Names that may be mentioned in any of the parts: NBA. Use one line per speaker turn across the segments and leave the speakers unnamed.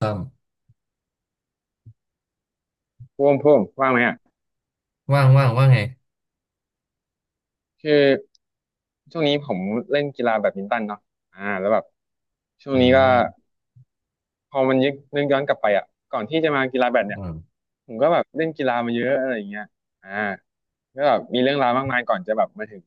ต้อม
พวงพวงว่างไหมอ่ะ
ว่างว่างว่าไง
คือช่วงนี้ผมเล่นกีฬาแบดมินตันเนาะอ่าแล้วแบบช่วง
อื
นี้ก็
ม
พอมันยึกนึกย้อนกลับไปอ่ะก่อนที่จะมากีฬาแบด
อื
เนี่ย
ม
ผมก็แบบเล่นกีฬามาเยอะอะไรอย่างเงี้ยอ่าก็แบบมีเรื่องราวมากมายก่อนจะแบบมาถึง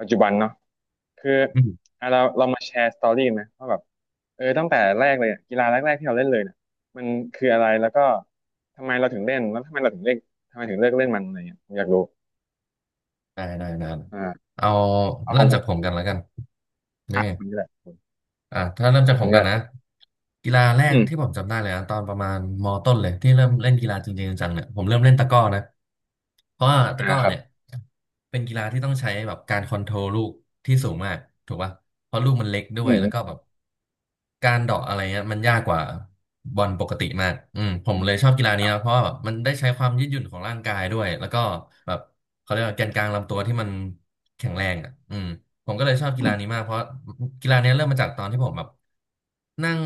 ปัจจุบันเนาะคือ
อืม
อ่ะเรามาแชร์สตอรี่กันไหมว่าแบบเออตั้งแต่แรกเลยอะกีฬาแรกๆที่เราเล่นเลยเนี่ยมันคืออะไรแล้วก็ทำไมเราถึงเล่นแล้วทำไมเราถึงเล่นทำไมถึงเลิกเล่นมันอะไรเงี้ยผมอยากรู้
ได้ได้ได้
อ่า
เอา
เอา
เริ่
ขอ
ม
งผ
จาก
ม
ผมกันแล้วกันนี่
อ่ะของคุณก็ได้
อ่ะถ้าเริ่ม
ข
จา
อ
ก
บ
ผ
คุ
ม
ณค
กัน
รั
นะ
บ
กีฬาแรก
อื
ที่
ม
ผมจำได้เลยนะตอนประมาณมต้นเลยที่เริ่มเล่นกีฬาจริงๆจังๆเนี่ยผมเริ่มเล่นตะกร้อนะเพราะว่าตะ
อ่า
กร้อ
ครับ
เนี่ยเป็นกีฬาที่ต้องใช้แบบการคอนโทรลลูกที่สูงมากถูกป่ะเพราะลูกมันเล็กด้ว
อื
ยแล้วก็
ม
แบบ การเดาะอะไรเงี้ยมันยากกว่าบอลปกติมากผม
อื
เล
ม
ยชอบกีฬา
ค
นี้
รับ
นะเพราะว่าแบบมันได้ใช้ความยืดหยุ่นของร่างกายด้วยแล้วก็แบบเขาเรียกว่าแกนกลางลำตัวที่มันแข็งแรงอ่ะผมก็เลยชอบกี
อื
ฬานี้
ม
มากเพราะกีฬานี้เริ่มมาจากตอนที่ผมแบบนั่ง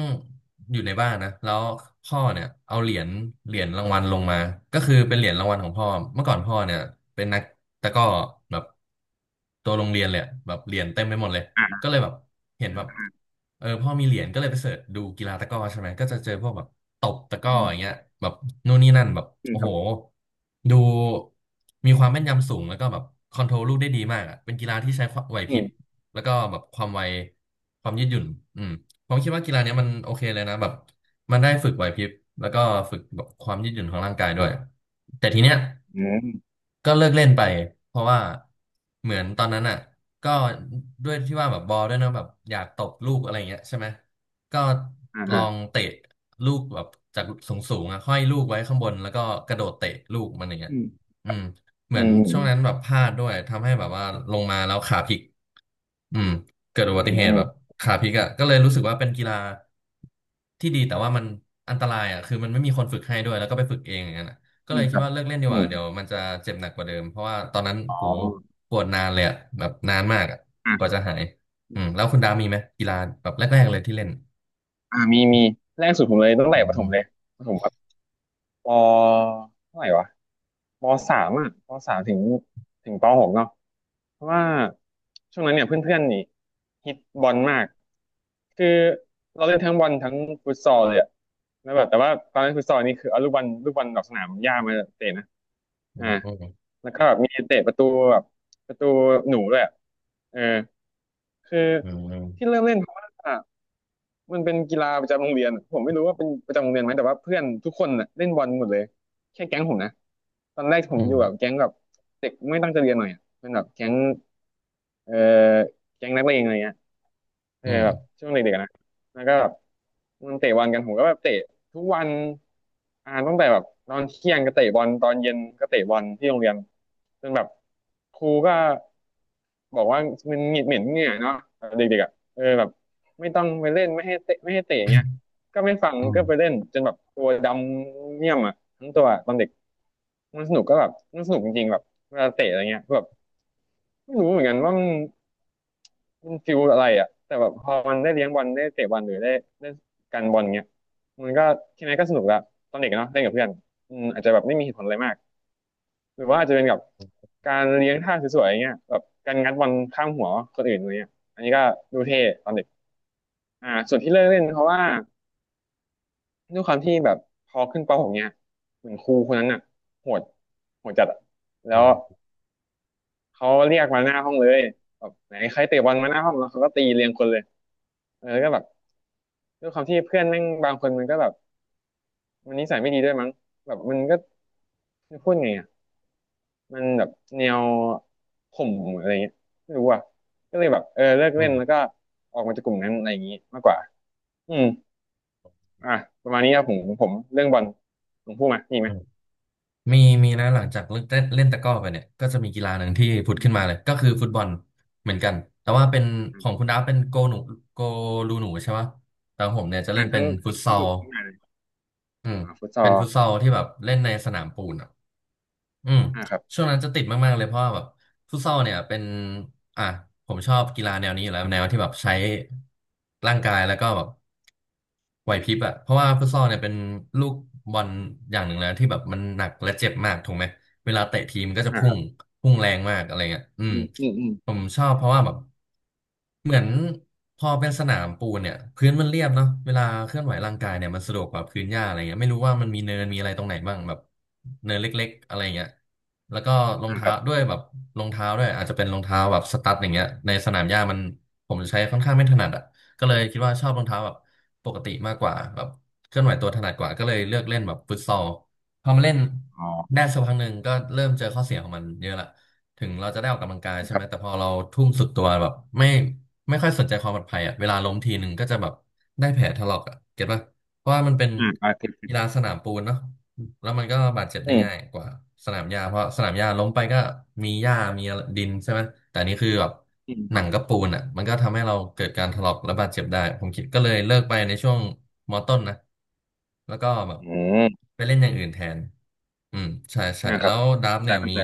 อยู่ในบ้านนะแล้วพ่อเนี่ยเอาเหรียญเหรียญรางวัลลงมาก็คือเป็นเหรียญรางวัลของพ่อเมื่อก่อนพ่อเนี่ยเป็นนักตะกร้อแบบตัวโรงเรียนเลยอะแบบเหรียญเต็มไปหมดเลย
อ่า
ก็เลยแบบเห็นแบบเออพ่อมีเหรียญก็เลยไปเสิร์ชดูกีฬาตะกร้อใช่ไหมก็จะเจอพวกแบบตบตะกร้อ
อื
อย่างเงี้ย
ม
แบบนู่นนี่นั่นแบบ
อืม
โอ้
ค
โห
รับ
ดูมีความแม่นยำสูงแล้วก็แบบคอนโทรลลูกได้ดีมากอ่ะเป็นกีฬาที่ใช้ความไหวพ
อื
ริบ
ม
แล้วก็แบบความไวความยืดหยุ่นอืมผมคิดว่ากีฬาเนี้ยมันโอเคเลยนะแบบ มันได้ฝึกไหวพริบแล้วก็ฝึกแบบความยืดหยุ่นของร่างกายด้วยแต่ทีเนี้ย
อืม
ก็เลิกเล่นไปเพราะว่าเหมือนตอนนั้นอ่ะก็ด้วยที่ว่าแบบบอลด้วยเนอะแบบอยากตบลูกอะไรเงี้ยใช่ไหมก็
อ่า
ลอง
อ่า
เตะลูกแบบจากสูงสูงอ่ะห้อยลูกไว้ข้างบนแล้วก็กระโดดเตะลูกมันอย่างเงี้ย
ื
อืมเหมื
อื
อน
ม
ช่วงนั้นแบบพลาดด้วยทำให้แบบว่าลงมาแล้วขาพลิก อืมเกิดอุ
อื
บั
ม
ติเห
อื
ตุ
ม
แบบขาพลิกอ่ะก็เลยรู้สึกว่าเป็นกีฬาที่ดีแต่ว่ามันอันตรายอ่ะคือมันไม่มีคนฝึกให้ด้วยแล้วก็ไปฝึกเองอย่างนั้นอะก็
อื
เล
ม
ยคิ
ค
ด
รับ
ว่าเลิกเล่นดีก
อื
ว่า
ม
เดี๋ยวมันจะเจ็บหนักกว่าเดิมเพราะว่าตอนนั้น
อ๋อ
โหปวดนานเลยอ่ะแบบนานมากอ่ะ
อ่า
ก
ค
ว่า
รั
จะ
บ
หายอืมแล้วคุณดามีไหมกีฬาแบบแรกๆเลยที่เล่น
อ่ามี มี แรกสุดผมเลยตั้ง
อื
แต่ประ
ม
ถมเลยประถมแบบปเท่าไหร่วะปสามอ่ะปสามถึงปหกเนาะ เพราะว่าช่วงนั้นเนี่ยเพื่อนๆนี่ฮิตบอลมากคือเราเล่นทั้งบอลทั้งฟุตซอลเลยอะแล้วแบบแต่ว่าตอนเล่นฟุตซอลนี่คือเอาลูกบอลลูกบอลดอกสนามหญ้ามาเตะนะ
อื
อ่า
ม
แล้วก็แบบมีเตะประตูแบบประตูหนูด้วยอะเออคือ
อืม
ที่เริ่มเล่นเพราะว่า มันเป็นกีฬาประจำโรงเรียนผมไม่รู้ว่าเป็นประจำโรงเรียนไหมแต่ว่าเพื่อนทุกคนน่ะเล่นบอลหมดเลยแค่แก๊งผมนะตอนแรกผ
อื
มอ
ม
ยู่แบบแก๊งแบบเด็กไม่ตั้งใจเรียนหน่อยอะเป็นแบบแก๊งเอ่อแก๊งนักเลงอะไรเงี้ย เออ
อืม
แบบช่วงเด็กๆนะแล้วก็แบบมันเตะบอลกันผมก็แบบเตะทุกวันอ่าตั้งแต่แบบตอนเที่ยงก็เตะบอลตอนเย็นก็เตะบอลที่โรงเรียนจนแบบครูก็บอกว่ามันเหม็นเหม็นเหงื่อเนาะแบบเด็กๆอ่ะเออแบบไม่ต้องไปเล่นไม่ให้เตะไม่ให้เตะอย่างเงี้ยก็ไม่ฟัง
อืม
ก็ไปเล่นจนแบบตัวดำเนี่ยมอ่ะทั้งตัวตอนเด็กมันสนุกก็แบบมันสนุกจริงๆแบบเวลาเตะอะไรเงี้ยแบบไม่รู้เหมือนกันว่ามัน มันฟิลอะไรอ่ะแต่แบบพอมันได้เลี้ยงบอลได้เตะบอลหรือได้ได้กันบอลเงี้ยมันก็แค่นั้นก็สนุกละตอนเด็กอะเนาะเล่นกับเพื่อนอืมอาจจะแบบไม่มีเหตุผลอะไรมากหรือว่าอาจจะเป็นกับการเลี้ยงท่าสวยๆอย่างเงี้ยแบบการงัดบอลข้ามหัวคนอื่นอะไรเงี้ยอันนี้ก็ดูเท่ตอนเด็กอ่าส่วนที่เลิกเล่นเพราะว่าด้วยความที่แบบพอขึ้นป .6 เงี้ยเหมือนครูคนนั้นอ่ะโหดโหดจัดอะแล้
อื
ว
ม
เขาเรียกมาหน้าห้องเลยแบบไหนใครเตะบอลมาหน้าห้องแล้วเขาก็ตีเรียงคนเลยเออแล้วก็แบบ ด้วยความที่เพื่อนแม่งบางคนมันก็แบบมันนิสัยไม่ดีด้วยมั้งแบบมันก็พูดไงอ่ะมันแบบแนวข่มอะไรเงี้ยไม่รู้อ่ะก็เลยแบบเออเลิก
อื
เล่นแล้ว
ม
ก็ออกมาจากกลุ่มนั้นอะไรอย่างงี้มากกว่าอืมอ่ะประมาณนี้ครับผมผมเรื่องบอลผมพูดมามีไหม
อืม มีมีนะหลังจากเลิกเล่นเล่นตะกร้อไปเนี่ยก็จะมีกีฬาหนึ่งที่ผุ
อื
ด
ม
ขึ้
อื
นมาเลย
ม
ก็คือฟุตบอลเหมือนกันแต่ว่าเป็น
อ
ของคุณดาฟเป็นโกหนูโกลูหนูใช่ไหมแต่ของผมเนี่ยจะเล่
่า
น
ทั้
เป็น
ง
ฟุ
ทั้
ต
ง
ซ
ทั้
อ
งห
ล
นุ่มทั้งนายเลย
อืม
อ่าฟุตซอ
เป็น
ล
ฟุตซอลที่แบบเล่นในสนามปูนอ่ะอืม
อ่าครับ
ช่วงนั้นจะติดมากๆเลยเพราะว่าแบบฟุตซอลเนี่ยเป็นอ่ะผมชอบกีฬาแนวนี้อยู่แล้วแนวที่แบบใช้ร่างกายแล้วก็แบบ ไหวพริบอะเพราะว่าฟุตซอลเนี่ยเป็นลูกบอลอย่างหนึ่งแล้วที่แบบมันหนักและเจ็บมากถูกไหมเวลาเตะทีมก็จะ
อ่า
พุ่
ค
ง
รับ
พุ่งแรงมากอะไรเงี้ย
อืมอืมอืม
ผมชอบเพราะว่าแบบเหมือนพอเป็นสนามปูนเนี่ยพื้นมันเรียบเนาะเวลาเคลื่อนไหวร่างกายเนี่ยมันสะดวกกว่าพื้นหญ้าอะไรเงี้ยไม่รู้ว่ามันมีเนินมีอะไรตรงไหนบ้างแบบเนินเล็กๆอะไรเงี้ยแล้วก็รอง
อ่าค
เท้า
รั
ด้
บ
วยแบบรองเท้าด้วยอาจจะเป็นรองเท้าแบบสตั๊ดอย่างเงี้ยในสนามหญ้ามันผมใช้ค่อนข้างไม่ถนัดอะก็เลยคิดว่าชอบรองเท้าแบบ ปกติมากกว่าแบบเคลื่อนไหวตัวถนัดกว่าก็เลยเลือกเล่นแบบฟุตซอลพอมาเล่น
อ๋
ได้
อ
สักพักหนึ่งก็เริ่มเจอข้อเสียของมันเยอะละถึงเราจะได้ออกกำลังกายใช่
ค
ไห
รั
มแต่
บ
พอเราทุ่มสุดตัวแบบไม่ไม่ค่อยสนใจความปลอดภัยอ่ะเวลาล้มทีหนึ่งก็จะแบบได้แผลถลอกอ่ะเก็ตป่ะเพราะว่ามันเป็น
อ่าอ่าติดติด
กีฬาสนามปูนเนาะ แล้วมันก็บาดเจ็บ
อื
ได้
ม
ง่ายกว่าสนามหญ้าเพราะสนามหญ้าล้มไปก็มีหญ้ามีดินใช่ไหมแต่อันนี้คือแบบ
อืมค
หนั
รับ
งกับปูนอ่ะมันก็ทำให้เราเกิดการถลอกและบาดเจ็บได้ผมคิดก็เลยเลิกไปในช่วงมอต้นนะแล้วก็แบบ
อืม
ไปเล่นอย่างอื่นแทนอืมใช่ใช่
อ่าค
แล้
รับ
วดับ
แต่
เนี่ย
ก็
มี
แต่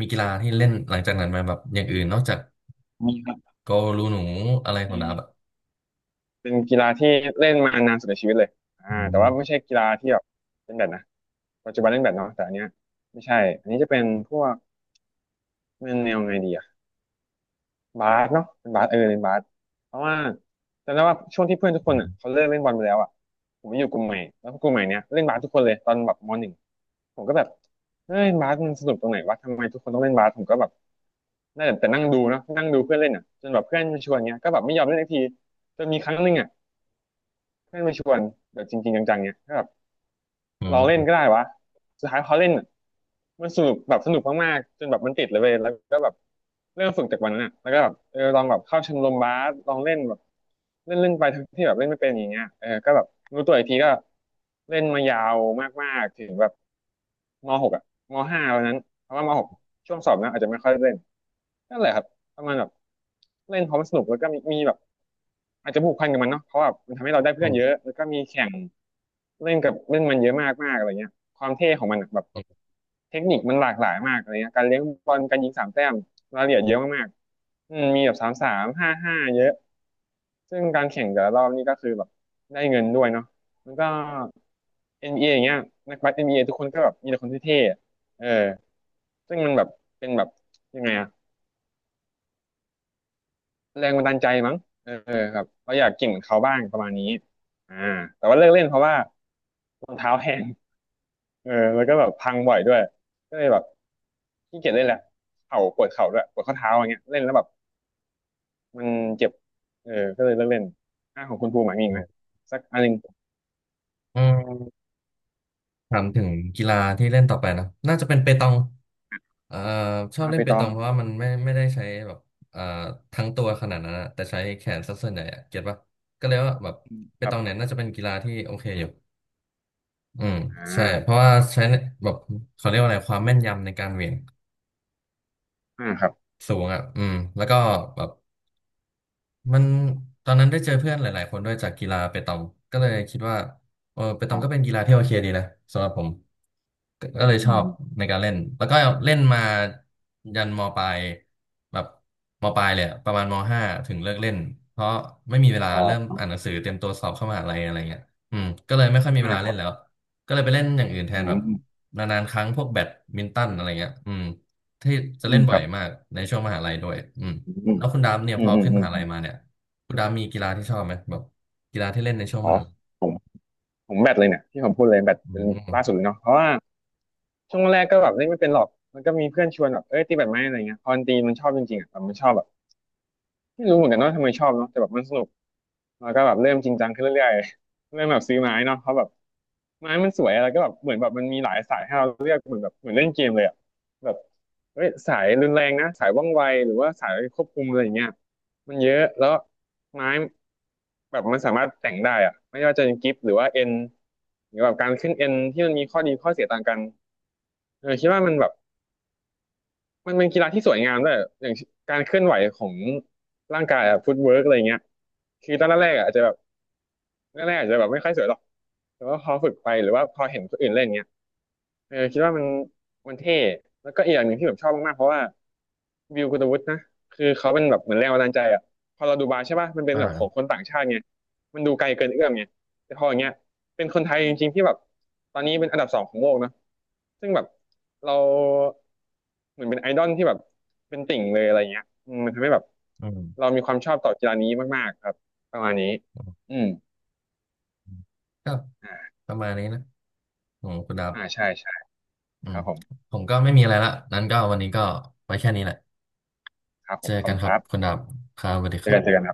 มีกีฬาที่เล่นหลังจากนั้นไหมาแบบอย่างอื่นนอกจาก
มีครับ
โกลูหนูอะไรของดับอ่ะ
เป็นกีฬาที่เล่นมานานสุดในชีวิตเลยอ่า
อื
แต่
ม
ว่าไม่ใช่กีฬาที่แบบเล่นแบดนะปัจจุบันเล่นแบดเนาะแต่อันเนี้ยไม่ใช่อันนี้จะเป็นพวกเป็นแนวไงดีอะบาสเนาะเป็นบาสเออเป็นบาสเพราะว่าจำได้ว่าช่วงที่เพื่อนทุกค
อื
นอ่ะ
ม
เขาเลิกเล่นบอลไปแล้วอ่ะผมมาอยู่กลุ่มใหม่แล้วกลุ่มใหม่เนี้ยเล่นบาสทุกคนเลยตอนแบบมหนึ่งผมก็แบบเฮ้ยบาสมันสนุกตรงไหนวะทำไมทุกคนต้องเล่นบาสผมก็แบบได้แต่นั่งดูเนาะนั่งดูเพื่อนเล่นอ่ะจนแบบเพื่อนมาชวนเงี้ยก็แบบไม่ยอมเล่นสักทีจนมีครั้งหนึ่งอ่ะเพื่อนมาชวนแบบจริงๆจังๆเงี้ยก็แบบ เราเล่นก็ได้วะ สุดท้ายพอเล่นอะมันสนุกแบบสนุกมากๆจนแบบมันติดเลยเว้ยแล้วก็แบบเริ่มฝึกจากวันนั้นอ่ะแล้วก็แบบเออลองแบบเข้าชมรมบาสลองเล่นแบบเล่นเล่นไปทั้งที่แบบเล่นไม่เป็นอย่างเงี้ยเออก็แบบรู้ตัวอีกทีก็เล่นมายาวมากๆถึงแบบมหกอ่ะมห้าวันนั้นเพราะว่ามหกช่วงสอบนะอาจจะไม่ค่อยได้เล่นนั่นแหละครับ ประมาณแบบเล่นเพราะมันสนุกแล้วก็มีแบบอาจจะผูกพันกับมันเนาะเพราะแบบมันทำให้เราได้
อื
เพื่อนเยอะ
ม
แล้วก็มีแข่งเล่นกับเล่นมันเยอะมากมากอะไรเงี้ยความเท่ของมันอะแบบ
อืม
เทคนิคมันหลากหลายมากอะไรเงี้ยการเลี้ยงบอลการยิง3 แต้มรายละเอียดเยอะมากๆอืมมีแบบสามสามห้าห้าเยอะซึ่งการแข่งแต่ละรอบนี่ก็คือแบบได้เงินด้วยเนาะมันก็ NBA อนบีเออย่างเงี้ยนักบาส n เอทุกคนก็แบบมีแต่คนที่เท่ๆเออซึ่งมันแบบเป็นแบบยังไงอะ แรงบันดาลใจมั้งเออครับเราอยากเกินเหมือนเขาบ้างประมาณนี้อ่าแต่ว่าเลิกเล่นเพราะว่ารองเท้าแพงเออแล้วก็แบบพังบ่อยด้วยก็เลยแบบขี้เกียจเล่นแหละเข่าปวดเข่าด้วยปวดข้อเท้าอย่างเงี้ยเล่นแล้วแบบมันเจ็บเออก็เลยเลิกเล่นอ่าของคุณภูมิหมายมีอี
อื
กไหม
ม
สักอันหนึ่ง
อืม ถามถึงกีฬาที่เล่นต่อไปนะน่าจะเป็นเปตองเอ่อชอบ
อ่า
เล่
ไป
นเป
ตอ
ต
ง
องเพราะว่ามันไม่ได้ใช้แบบเอ่อทั้งตัวขนาดนั้นอะแต่ใช้แขนซะส่วนใหญ่อะเก็ตปะก็เลยว่าแบบเป
ครั
ตองเนี่
บ
ยน่าจะเป็นกีฬาที่โอเคอยู่อืม
อ่
ใช่เพ
า
ราะว่าใช้แบบเขาเรียกว่าอะไรความแม่นยำในการเหวี่ยง
อ่าครับ
สูงอ่ะแล้วก็แบบ มันตอนนั้นได้เจอเพื่อนหลาย ๆ คนด้วยจากกีฬาเปตองก็เลยคิดว่าเออเปต
อ๋
อ
อ
งก็เป็นกีฬาที่โอเคดีนะสำหรับผมก็
อื
ก็เล
ม
ยช
อื
อ
ม
บในการเล่นแล้วก็เล่นมายันมปลายแบบมปลายเลยอะประมาณมห้าถึงเลิกเล่นเพราะไม่มีเวลา
อ๋
เริ่ม
อ
อ่านหนังสือเตรียมตัวสอบเข้ามหาลัยอะไรเงี้ยก็เลยไม่ค่อยมีเว
อ่า
ลา
ค
เล่
รั
น
บ
แล้วก็เลยไปเล่นอย่างอื่นแท
อื
นแบบ
ม
นานๆครั้งพวกแบดมินตันอะไรเงี้ยที่จะ
อื
เล่
ม
น
ค
บ่อ
รั
ย
บ
มากในช่วงมหาลัยด้วย
อืม
แล้วคุณดามเนี่ย
อื
พ
ม
อ
อืม
ขึ้น
อื
ม
ม
หา
อื
ลัย
ม
มาเนี่ยคุณดามมีกีฬาที่ชอบไหมแบบกีฬาที่เล่นในช่วง
อ๋
ม
อ
หาลัย
ผมผมแบตเลยเนี่ยที่ผมพูดเลยแบต
อื
เป็นล่าสุ
ม
ดเลยเนาะเพราะว่า ช่วงแรกก็แบบเล่นไม่เป็นหรอก มันก็มีเพื่อนชวนแบบเอ้ยตีแบดไหมอะไรเงี้ยพอมันตีมันชอบจริงๆอ่ะแบบมันชอบแบบไม่รู้เหมือนกันว่าทำไมชอบเนาะแต่แบบมันสนุกแล้วก็แบบเริ่มจริงจังขึ้นเรื่อยๆเริ่มแบบซื้อไม้เนาะเพราะแบบไม้มันสวยอะไรก็แบบเหมือนแบบมันมีหลายสายให้เราเลือกเหมือนแบบเหมือนเล่นเกมเลยอ่ะแบบเอ้ยสายรุนแรงนะสายว่องไว หรือว่าสายควบคุมอะไรอย่างเงี้ยมันเยอะ แล้วไม้แบบมันสามารถแต่งได้อ่ะไม่ว่าจะเป็นกิฟหรือว่าเอ็นหรือแบบการขึ้นเอ็นที่มันมีข้อดีข้อเสียต่างกันเออคิดว่ามันแบบ มันเป็นกีฬาที่สวยงามด้วยอย่างการเคลื่อนไหวของร่างกายอะฟุตเวิร์กอะไรเงี้ยคือตอนแรกๆอะอาจจะแบบแรกๆอาจจะแบบไม่ค่อยสวยหรอกแต่ว่าพอฝึกไปหรือว่าพอเห็นคนอื่นเล่นเงี้ย เออคิดว่ามันมันเท่แล้วก็อีกอย่างหนึ่งที่แบบชอบมากๆเพราะว่าวิวกุตวุฒินะคือเขาเป็นแบบเหมือนแรงบันดาลใจอ่ะพอเราดูบาร์ใช่ป่ะมันเป็นแบบของค
อ่า
นต่างชาติไงมันดูไกลเกินเอื้อมไงแต่พออย่างเงี้ยเป็นคนไทยจริงๆที่แบบตอนนี้เป็นอันดับสองของโลกเนอะซึ่งแบบเราเหมือนเป็นไอดอลที่แบบเป็นติ่งเลยอะไรเงี้ยอืมมันทำให้แบบ
อื
เรา
ม
มีความชอบต่อกีฬานี้มากๆครับประมาณนี้
อ
อืม
ืมก็
อ่า
ประมาณนี้นะของคุณดาม
อ่าใช่ใช่
อื
ค
ม
รับผม
ผมก็ไม่มีอะไรละนั้นก็วันนี้ก็ไว้แค่นี้แหละ
ครับผ
เจอ
มขอบ
กัน
คุณ
ค
ค
รับ
รั
คุณ
บ
ดามครับสวัสดี
เจ
ค
อ
รั
กันเจอกั
บ
นครับ